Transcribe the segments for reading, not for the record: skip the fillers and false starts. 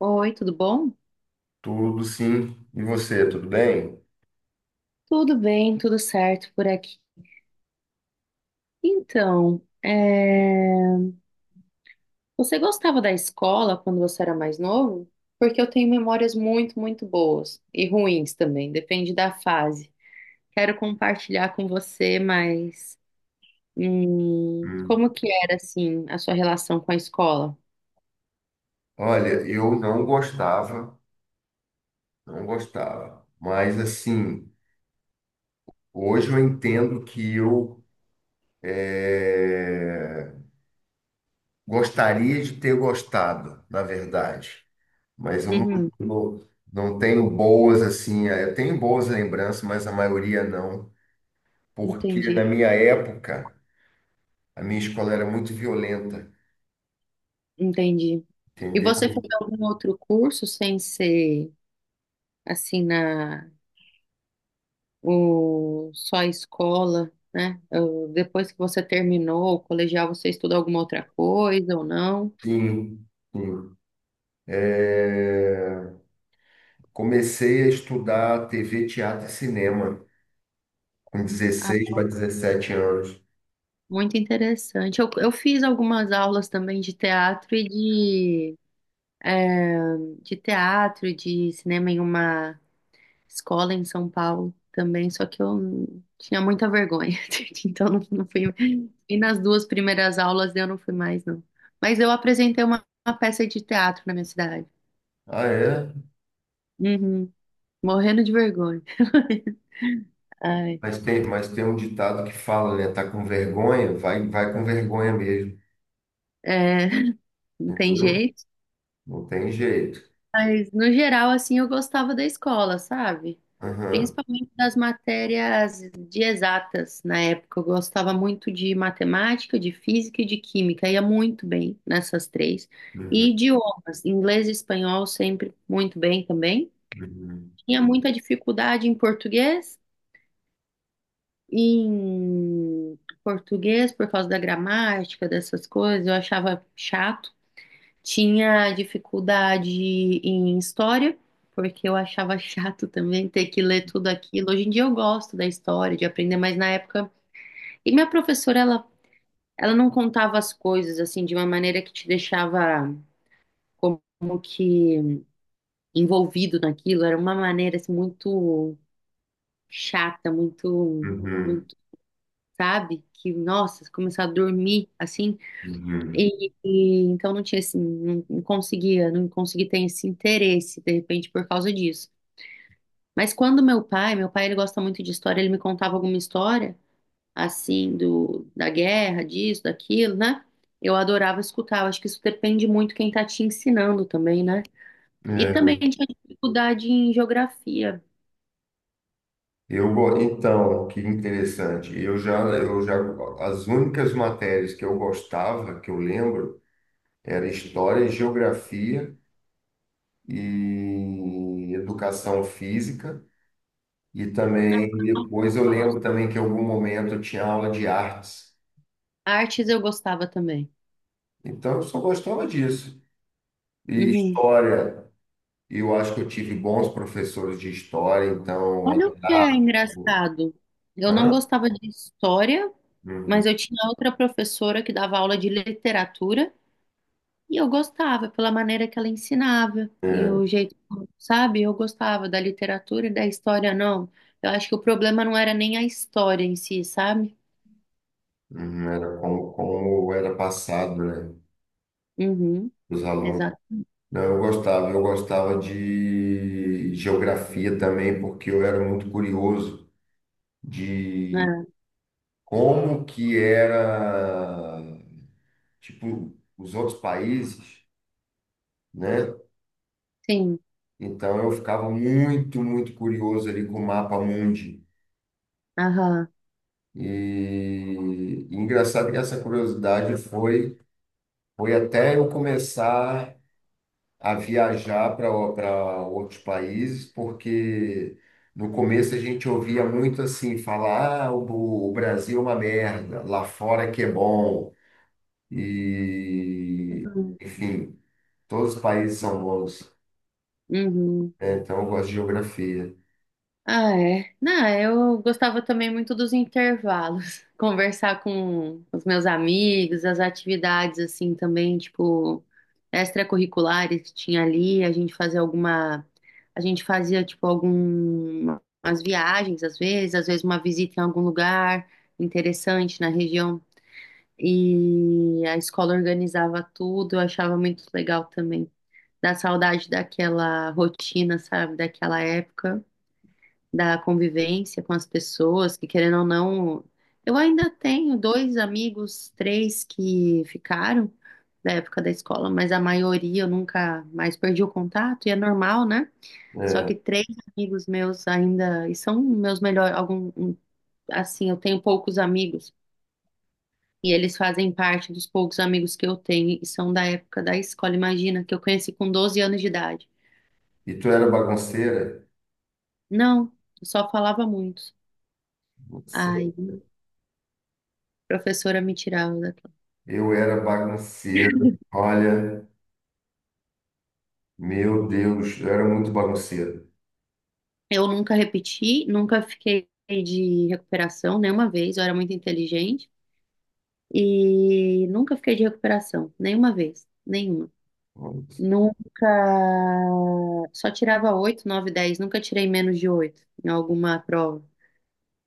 Oi, tudo bom? Tudo sim. E você, tudo bem? Tudo bem, tudo certo por aqui. Então, você gostava da escola quando você era mais novo? Porque eu tenho memórias muito, muito boas e ruins também, depende da fase. Quero compartilhar com você, mas Hum. como que era assim a sua relação com a escola? Olha, eu não gostava, não gostava. Mas assim, hoje eu entendo que eu eh, gostaria de ter gostado, na verdade. Mas eu não, Uhum, não, não tenho boas assim. Eu tenho boas lembranças, mas a maioria não. Porque entendi, na minha época, a minha escola era muito violenta, entendi. E você fez entendeu? algum outro curso sem ser assim na ou só a escola, né? Ou depois que você terminou o colegial, você estuda alguma outra coisa ou não? Sim, sim. Eh, Comecei a estudar TV, teatro e cinema com Ah, 16 para 17 anos. muito interessante. Eu fiz algumas aulas também de teatro é, de teatro e de cinema em uma escola em São Paulo também, só que eu tinha muita vergonha, então não fui. E nas duas primeiras aulas eu não fui mais, não. Mas eu apresentei uma peça de teatro na minha cidade. Ah, é? Uhum. Morrendo de vergonha. Ai, Mas tem um ditado que fala, né? Tá com vergonha? Vai, vai com vergonha mesmo, é, não tem entendeu? jeito. Não tem jeito. Mas, no geral, assim, eu gostava da escola, sabe? Aham. Principalmente das matérias de exatas. Na época, eu gostava muito de matemática, de física e de química. Ia muito bem nessas três. Uhum. E idiomas, inglês e espanhol, sempre muito bem também. Uhum. Tinha muita dificuldade em português. Em português, por causa da gramática, dessas coisas, eu achava chato. Tinha dificuldade em história, porque eu achava chato também ter que ler tudo aquilo. Hoje em dia eu gosto da história, de aprender, mas na época. E minha ela não contava as coisas assim de uma maneira que te deixava como que envolvido naquilo. Era uma maneira assim, muito chata, muito, Uhum. muito, sabe? Que, nossa, começar a dormir assim. Uhum. E então não tinha assim, não conseguia, não consegui ter esse interesse, de repente, por causa disso. Mas quando meu pai ele gosta muito de história, ele me contava alguma história, assim, da guerra, disso, daquilo, né? Eu adorava escutar, eu acho que isso depende muito quem tá te ensinando também, né? E É. também tinha dificuldade em geografia. Então, que interessante. Eu já, as únicas matérias que eu gostava, que eu lembro, era história e geografia e educação física. E também depois eu lembro também que em algum momento eu tinha aula de artes. Artes eu gostava também. Então eu só gostava disso. E Uhum. história, eu acho que eu tive bons professores de história, então eu Olha o que é adorava. engraçado. Eu não Hã? gostava de história, mas Uhum. eu tinha outra professora que dava aula de literatura e eu gostava pela maneira que ela ensinava e É. o jeito, sabe? Eu gostava da literatura e da história, não. Eu acho que o problema não era nem a história em si, sabe? Uhum. Era como, como era passado, né? Uhum, Os alunos. exato. Não, eu gostava de geografia também, porque eu era muito curioso de É, como que era, tipo, os outros países, né? sim, Então eu ficava muito, muito curioso ali com o mapa mundi. aham. E, e engraçado que essa curiosidade foi, foi até eu começar a viajar para para outros países, porque no começo a gente ouvia muito assim, falar, ah, o Brasil é uma merda, lá fora que é bom. E, Uhum. enfim, todos os países são bons. Uhum. É, então eu gosto de geografia. Ah, é. Não, eu gostava também muito dos intervalos, conversar com os meus amigos, as atividades assim também, tipo, extracurriculares que tinha ali, a gente fazia tipo algumas viagens às vezes uma visita em algum lugar interessante na região e a escola organizava tudo, eu achava muito legal também. Dá saudade daquela rotina, sabe, daquela época da convivência com as pessoas, que querendo ou não, eu ainda tenho dois amigos, três que ficaram da época da escola, mas a maioria eu nunca mais perdi o contato, e é normal, né? Só É. que três amigos meus ainda, e são meus melhores, assim, eu tenho poucos amigos, e eles fazem parte dos poucos amigos que eu tenho, e são da época da escola, imagina, que eu conheci com 12 anos de idade. E tu era bagunceira? Não, eu só falava muito. Aí, Sim. a professora me tirava da. Eu era bagunceiro. Olha, meu Deus, eu era muito bagunceiro. Eu nunca repeti, nunca fiquei de recuperação nenhuma vez. Eu era muito inteligente e nunca fiquei de recuperação nenhuma vez, nenhuma. Uhum, Nunca, só tirava 8, 9, 10. Nunca tirei menos de 8 em alguma prova.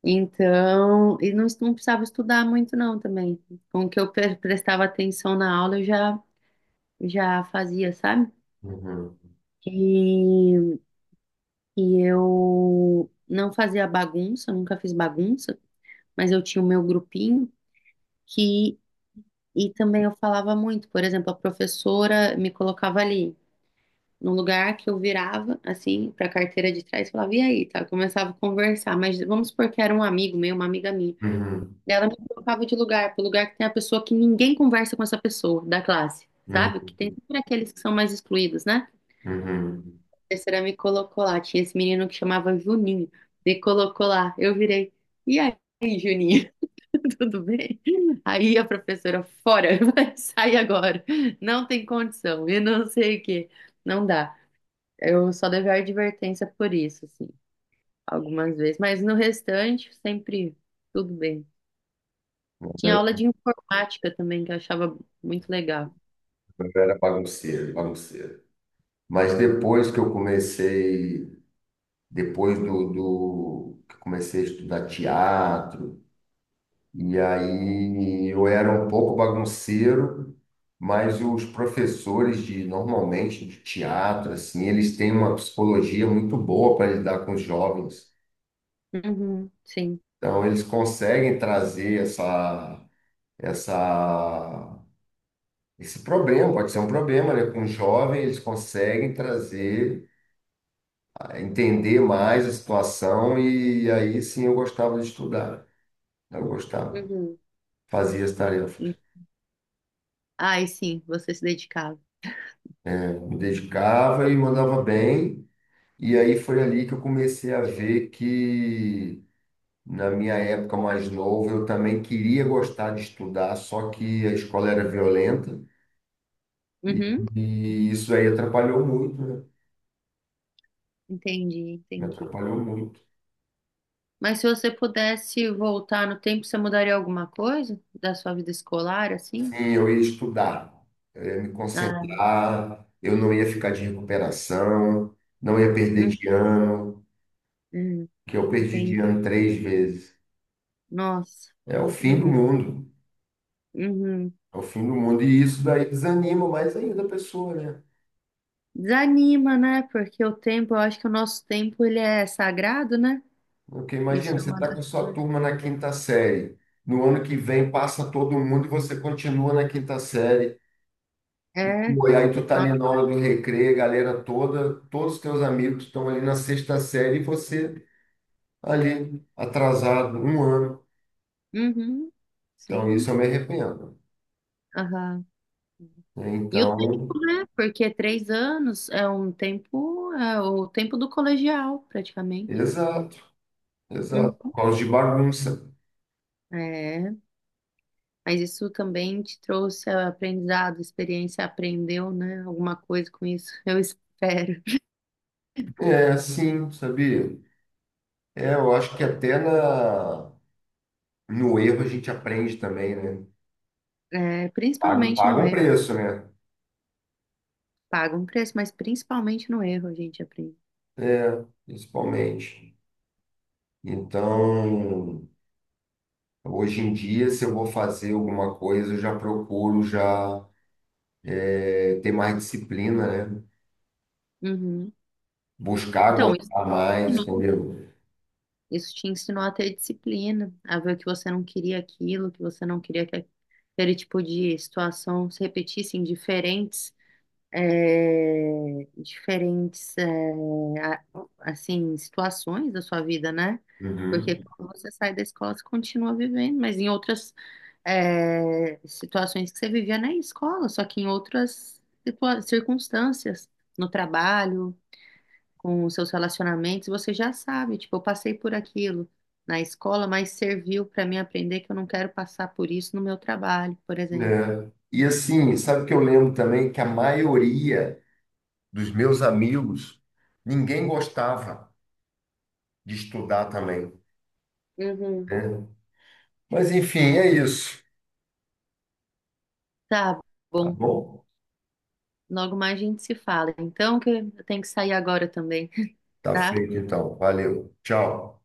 Então, e não precisava estudar muito não também. Com o que eu prestava atenção na aula, já fazia, sabe? uhum, E, e eu não fazia bagunça, nunca fiz bagunça. Mas eu tinha o meu grupinho que e também eu falava muito, por exemplo, a professora me colocava ali num lugar que eu virava assim para a carteira de trás, e falava e aí, tá? Eu começava a conversar, mas vamos supor que era um amigo meu, uma amiga minha. Daí ela me colocava de lugar, pro lugar que tem a pessoa que ninguém conversa com essa pessoa da classe, sabe? Que tem uhum, sempre aqueles que são mais excluídos, né? uhum. A professora me colocou lá, tinha esse menino que chamava Juninho, me colocou lá, eu virei. E aí, Juninho? Tudo bem? Aí a professora, fora, vai sair agora. Não tem condição. E não sei o quê. Não dá. Eu só levei a advertência por isso, assim, algumas vezes. Mas no restante, sempre tudo bem. Tinha Eu aula de informática também, que eu achava muito legal. eu era bagunceiro, bagunceiro. Mas depois que eu comecei, depois do que eu comecei a estudar teatro, e aí eu era um pouco bagunceiro, mas os professores de normalmente de teatro, assim, eles têm uma psicologia muito boa para lidar com os jovens. Uhum, sim. Então eles conseguem trazer essa esse problema, pode ser um problema, né? Com o jovem, eles conseguem trazer, entender mais a situação e aí sim eu gostava de estudar. Eu gostava, Uhum. fazia as tarefas, E- ai, sim, você se dedicava. me dedicava e mandava bem. E aí foi ali que eu comecei a ver que, na minha época mais novo, eu também queria gostar de estudar, só que a escola era violenta e, Uhum, e isso aí atrapalhou muito, né? entendi, Me entendi. atrapalhou muito. Mas se você pudesse voltar no tempo, você mudaria alguma coisa da sua vida escolar, assim? Sim, eu ia estudar, eu ia me Ah, concentrar, eu não ia ficar de recuperação, não ia perder hum, de ano, hum, que eu perdi de entendi. ano 3 vezes. Nossa. É o fim do Uhum, mundo, uhum. é o fim do mundo. E isso daí desanima mais ainda a pessoa, né? Desanima, né? Porque o tempo, eu acho que o nosso tempo ele é sagrado, né? Porque Isso imagina, é você uma está das com sua coisas. turma na quinta série. No ano que vem passa todo mundo e você continua na quinta série. É. Pô, e aí tu tá Ó, ali na hora do recreio, galera toda, todos os teus amigos estão ali na sexta série e você ali atrasado um ano. uhum, Então isso sim. eu me arrependo. Aham. Né? E o Então, tempo, né? Porque 3 anos é um tempo, é o tempo do colegial, praticamente. exato, exato. Por Uhum. causa de bagunça. É, mas isso também te trouxe aprendizado, experiência, aprendeu, né? Alguma coisa com isso, eu espero. É, sim, sabia? É, eu acho que até na, no erro a gente aprende também, né? É, Paga, principalmente paga no. um preço, né? Paga um preço, mas principalmente no erro a gente aprende. É, principalmente. Então, hoje em dia, se eu vou fazer alguma coisa, eu já procuro já ter mais disciplina, né? Uhum. Buscar Então, isso, te gostar mais, ensinou- entendeu? isso te ensinou a ter disciplina, a ver que você não queria aquilo, que você não queria que aquele tipo de situação se repetisse em diferentes diferentes a- assim situações da sua vida, né? Porque Uhum. quando você sai da escola, você continua vivendo, mas em outras situações que você vivia na escola, só que em outras circunstâncias, no trabalho, com os seus relacionamentos, você já sabe, tipo, eu passei por aquilo na escola, mas serviu para mim aprender que eu não quero passar por isso no meu trabalho, por exemplo. É. E assim, sabe o que eu lembro também? Que a maioria dos meus amigos, ninguém gostava de estudar também, Uhum. né? Mas enfim, é isso. Tá Tá bom. bom? Logo mais a gente se fala. Então, que eu tenho que sair agora também, Tá tá? feito então. Valeu. Tchau.